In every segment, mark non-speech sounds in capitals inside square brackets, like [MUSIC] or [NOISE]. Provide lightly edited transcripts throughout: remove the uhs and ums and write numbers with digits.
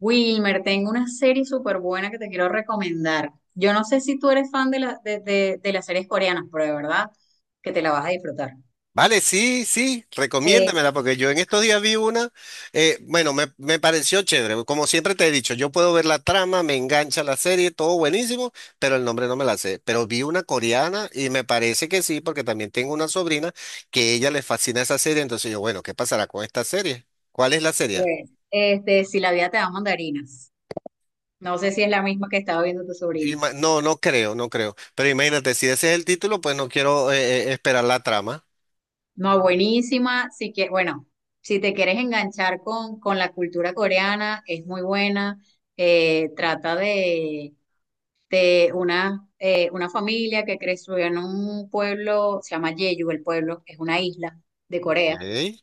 Wilmer, tengo una serie súper buena que te quiero recomendar. Yo no sé si tú eres fan de las series coreanas, pero de verdad que te la vas a disfrutar. Vale, sí, sí, recomiéndamela, porque yo en estos días vi una, me pareció chévere, como siempre te he dicho, yo puedo ver la trama, me engancha la serie, todo buenísimo, pero el nombre no me la sé, pero vi una coreana y me parece que sí, porque también tengo una sobrina que ella le fascina esa serie, entonces yo, bueno, ¿qué pasará con esta serie? ¿Cuál es la serie? Pues, si la vida te da mandarinas. No sé si es la misma que estaba viendo tu sobrina. No, no creo, no creo, pero imagínate, si ese es el título, pues no quiero esperar la trama. No, buenísima. Si que, bueno, si te quieres enganchar con la cultura coreana, es muy buena. Trata de una familia que creció en un pueblo, se llama Jeju, el pueblo, es una isla de Corea. Ok.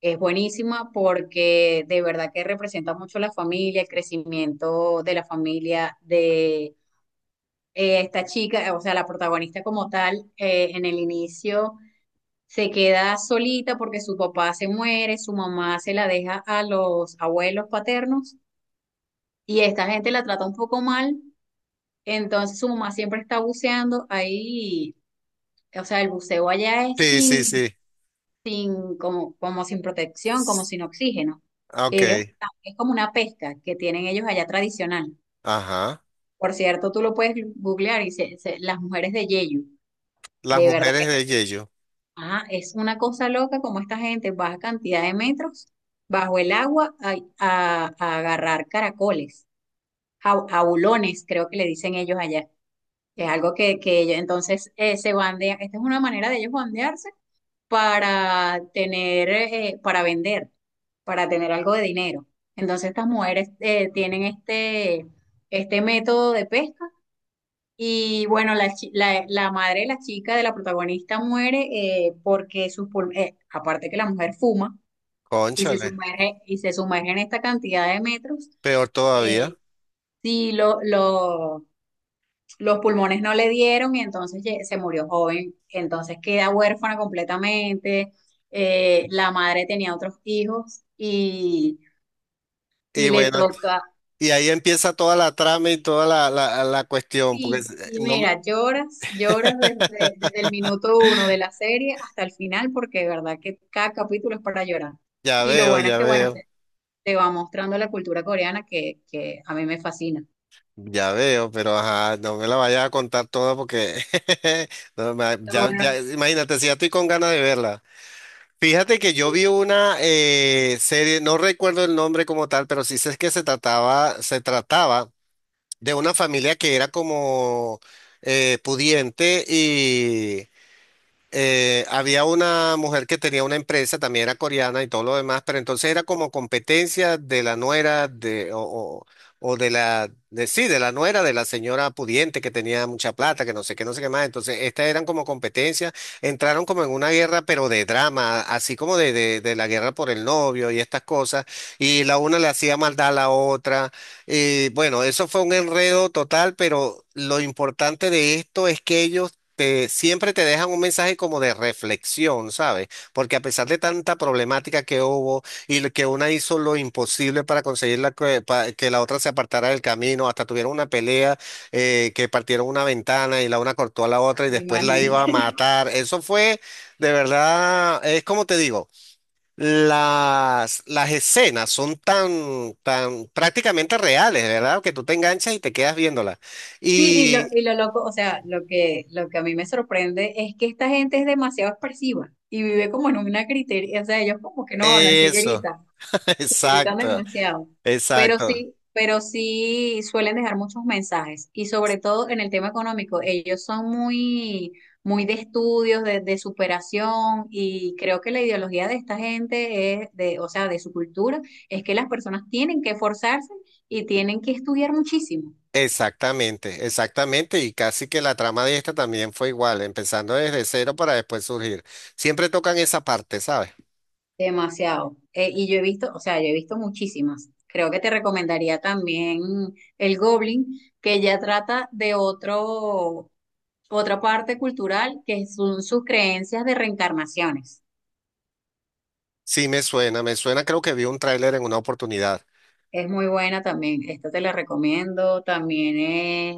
Es buenísima porque de verdad que representa mucho la familia, el crecimiento de la familia, de esta chica, o sea, la protagonista como tal, en el inicio se queda solita porque su papá se muere, su mamá se la deja a los abuelos paternos y esta gente la trata un poco mal, entonces su mamá siempre está buceando ahí, o sea, el buceo allá es Sí, sí, sin sí. sin, como, como sin protección, como sin oxígeno. Ok, Es como una pesca que tienen ellos allá tradicional. ajá. Por cierto, tú lo puedes googlear y las mujeres de Yeyu, Las de verdad mujeres que de Yeyo. Es una cosa loca como esta gente baja cantidad de metros bajo el agua a, a agarrar caracoles, jaulones, creo que le dicen ellos allá. Es algo que ellos entonces se bandean. Esta es una manera de ellos bandearse para tener, para vender, para tener algo de dinero. Entonces estas mujeres tienen este método de pesca y bueno, la madre de la chica, de la protagonista, muere porque aparte que la mujer fuma Cónchale, y se sumerge en esta cantidad de metros, peor eh, todavía. sí lo, lo, los pulmones no le dieron y entonces se murió joven. Entonces queda huérfana completamente. La madre tenía otros hijos y Y le bueno, toca, y ahí empieza toda la trama y toda la cuestión, porque es- y no me- mira, lloras, [LAUGHS] desde el minuto uno de la serie hasta el final, porque de verdad que cada capítulo es para llorar. Ya Y lo veo, bueno es ya que, bueno, veo, te va mostrando la cultura coreana que a mí me fascina. ya veo, pero ajá, no me la vayas a contar toda porque [LAUGHS] no, ma- Lo ya, bueno, ya, imagínate, si ya estoy con ganas de verla. Fíjate que yo vi una serie, no recuerdo el nombre como tal, pero sí sé que se trataba de una familia que era como pudiente. Había una mujer que tenía una empresa, también era coreana y todo lo demás, pero entonces era como competencia de la nuera o de sí, de la nuera de la señora pudiente que tenía mucha plata, que no sé qué, no sé qué más. Entonces, estas eran como competencia, entraron como en una guerra, pero de drama, así como de la guerra por el novio y estas cosas, y la una le hacía maldad a la otra. Y bueno, eso fue un enredo total, pero lo importante de esto es que siempre te dejan un mensaje como de reflexión, ¿sabes? Porque a pesar de tanta problemática que hubo y lo que una hizo lo imposible para conseguir que la otra se apartara del camino, hasta tuvieron una pelea que partieron una ventana y la una cortó a la otra y después la iba a imagínate. matar. Eso fue, de verdad, es como te digo. Las escenas son tan, tan prácticamente reales, ¿verdad? Que tú te enganchas y te quedas viéndolas. Sí, Y y lo loco, o sea, lo que a mí me sorprende es que esta gente es demasiado expresiva y vive como en una criteria, o sea, ellos como que no hablan, eso, [LAUGHS] se gritan exacto. demasiado, Exacto, pero sí suelen dejar muchos mensajes y sobre todo en el tema económico, ellos son muy, muy de estudios, de superación y creo que la ideología de esta gente o sea, de su cultura, es que las personas tienen que esforzarse y tienen que estudiar muchísimo. exactamente, exactamente. Y casi que la trama de esta también fue igual, empezando desde cero para después surgir. Siempre tocan esa parte, ¿sabes? Demasiado. Y yo he visto, o sea, yo he visto muchísimas. Creo que te recomendaría también el Goblin, que ya trata otra parte cultural, que son sus creencias de reencarnaciones. Sí, me suena, creo que vi un tráiler en una oportunidad. Es muy buena también, esta te la recomiendo, también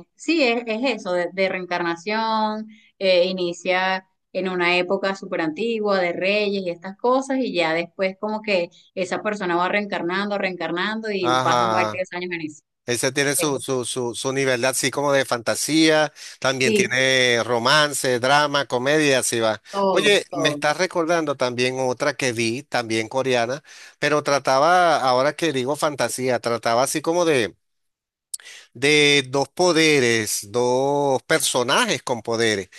es eso, de reencarnación, inicia en una época súper antigua de reyes y estas cosas, y ya después como que esa persona va reencarnando, reencarnando y pasan varios Ajá. años en eso. Ese tiene Es- su, su nivel de así como de fantasía, también sí, tiene romance, drama, comedia, así va. todo, Oye, me todo. estás recordando también otra que vi, también coreana, pero trataba, ahora que digo fantasía, trataba así como de dos poderes, dos personajes con poderes.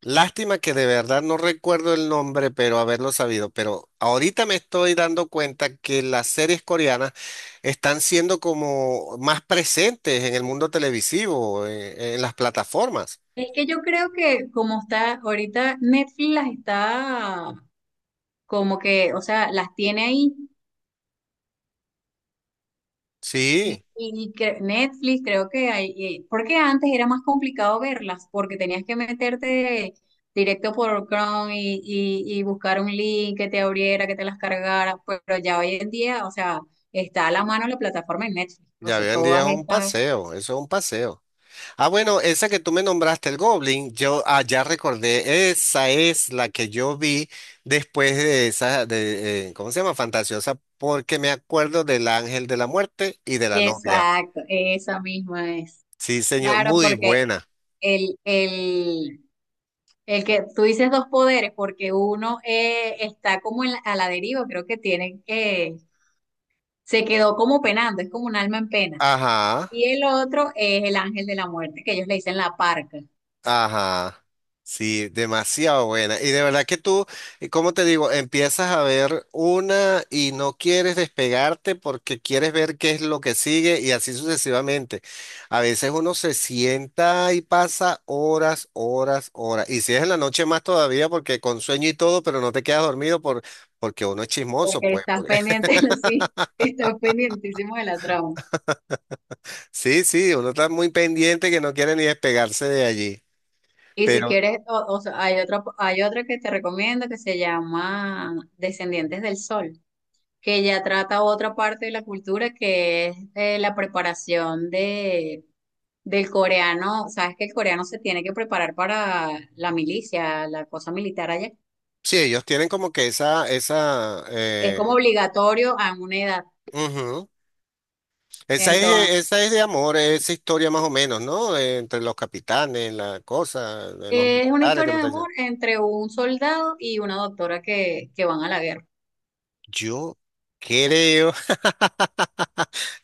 Lástima que de verdad no recuerdo el nombre, pero haberlo sabido. Pero ahorita me estoy dando cuenta que las series coreanas están siendo como más presentes en el mundo televisivo, en las plataformas. Es que yo creo que como está ahorita Netflix las está como que, o sea, las tiene ahí. Sí, Netflix, creo que porque antes era más complicado verlas, porque tenías que meterte directo por Chrome y buscar un link que te abriera, que te las cargara, pero ya hoy en día, o sea, está a la mano la plataforma de Netflix, o ya hoy sea, en día es todas un estas, paseo, eso es un paseo. Ah, bueno, esa que tú me nombraste, el Goblin, yo ah, ya recordé, esa es la que yo vi después de esa, ¿cómo se llama? Fantasiosa, porque me acuerdo del Ángel de la Muerte y de la novia. exacto, esa misma es. Sí, señor, Claro, muy porque buena. el, el, el que tú dices dos poderes, porque uno está como en a la deriva, creo que tienen se quedó como penando, es como un alma en pena. Ajá. Y el otro es el ángel de la muerte, que ellos le dicen la parca, Ajá, sí, demasiado buena. Y de verdad que tú, cómo te digo, empiezas a ver una y no quieres despegarte porque quieres ver qué es lo que sigue y así sucesivamente. A veces uno se sienta y pasa horas, horas, horas. Y si es en la noche más todavía porque con sueño y todo, pero no te quedas dormido porque uno es chismoso, porque pues. estás [LAUGHS] pendiente, [LAUGHS] sí, estás pendientísimo de la trama. Sí, sí, uno está muy pendiente que no quiere ni despegarse de allí. Y si Pero quieres, o sea, hay otro que te recomiendo que se llama Descendientes del Sol, que ya trata otra parte de la cultura que es la preparación del coreano. Sabes que el coreano se tiene que preparar para la milicia, la cosa militar allá. sí, ellos tienen como que esa, Es como obligatorio a una edad. ujú. Entonces, Esa es de amor, esa historia más o menos, ¿no? Entre los capitanes, la cosa, de los es una militares que me historia de está amor diciendo. entre un soldado y una doctora que van a la guerra. Yo creo,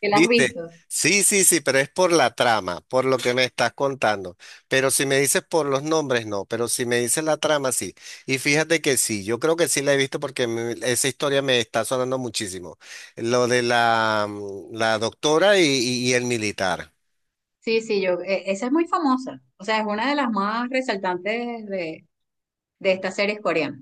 ¿Que la has ¿viste? visto? Sí, sí, sí, pero es por la trama, por lo que me estás contando. Pero si me dices por los nombres, no, pero si me dices la trama, sí. Y fíjate que sí, yo creo que sí la he visto esa historia me está sonando muchísimo. Lo de la, la doctora y, y el militar. Sí, sí, esa es muy famosa. O sea, es una de las más resaltantes de estas series coreanas.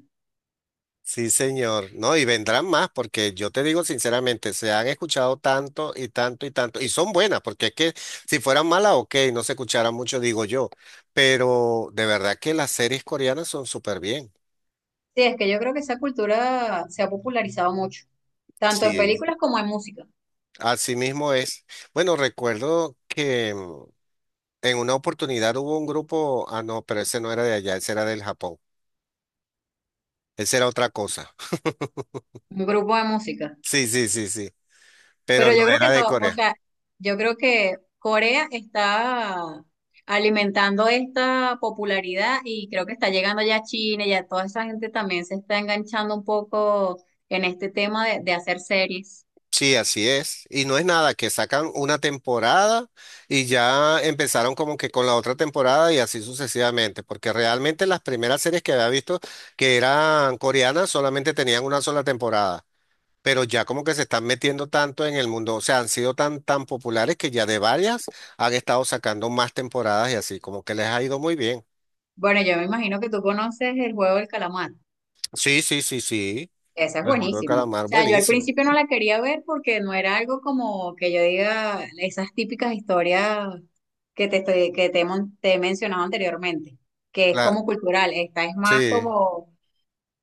Sí, señor. No, y vendrán más, porque yo te digo sinceramente, se han escuchado tanto y tanto y tanto, y son buenas, porque es que si fueran malas, ok, no se escucharan mucho, digo yo, pero de verdad que las series coreanas son súper bien. Sí, es que yo creo que esa cultura se ha popularizado mucho, tanto en Sí. películas como en música, Así mismo es. Bueno, recuerdo que en una oportunidad hubo un grupo, ah, no, pero ese no era de allá, ese era del Japón, ese era otra cosa. [LAUGHS] un grupo de música. Sí, sí, sí, sí, pero Pero no yo creo era que de todo, o Corea. sea, yo creo que Corea está alimentando esta popularidad y creo que está llegando ya a China, ya toda esa gente también se está enganchando un poco en este tema de hacer series. Sí, así es. Y no es nada, que sacan una temporada y ya empezaron como que con la otra temporada y así sucesivamente, porque realmente las primeras series que había visto que eran coreanas solamente tenían una sola temporada, pero ya como que se están metiendo tanto en el mundo, o sea, han sido tan, tan populares que ya de varias han estado sacando más temporadas y así, como que les ha ido muy bien. Bueno, yo me imagino que tú conoces el juego del calamar. Sí, sí, sí, sí. Esa es El juego de buenísima. O calamar, sea, yo al buenísimo. principio no la quería ver porque no era algo como que yo diga esas típicas historias que te estoy, que te, he mon- te he mencionado anteriormente, que es La, como cultural. Esta es más sí. como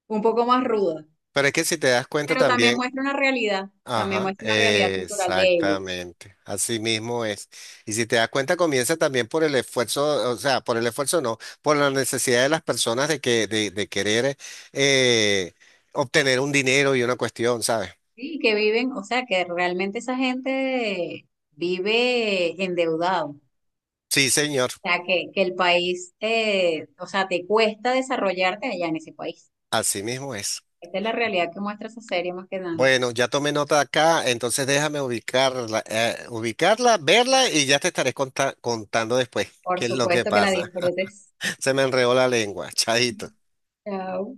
un poco más ruda, Pero es que si te das cuenta pero también también. muestra una realidad, también Ajá, muestra una realidad cultural de ellos. exactamente, así mismo es. Y si te das cuenta, comienza también por el esfuerzo, o sea, por el esfuerzo no, por la necesidad de las personas de querer eh, obtener un dinero y una cuestión, ¿sabes? Sí, que viven, o sea, que realmente esa gente vive endeudado. Sí, señor, O sea, que el país, o sea, te cuesta desarrollarte allá en ese país. así mismo es. Esta es la realidad que muestra esa serie más que nada. Bueno, ya tomé nota acá, entonces déjame ubicarla, ubicarla, verla y ya te estaré contando después qué Por es lo que supuesto que la pasa. disfrutes. [LAUGHS] Se me enredó la lengua, chadito. Chao.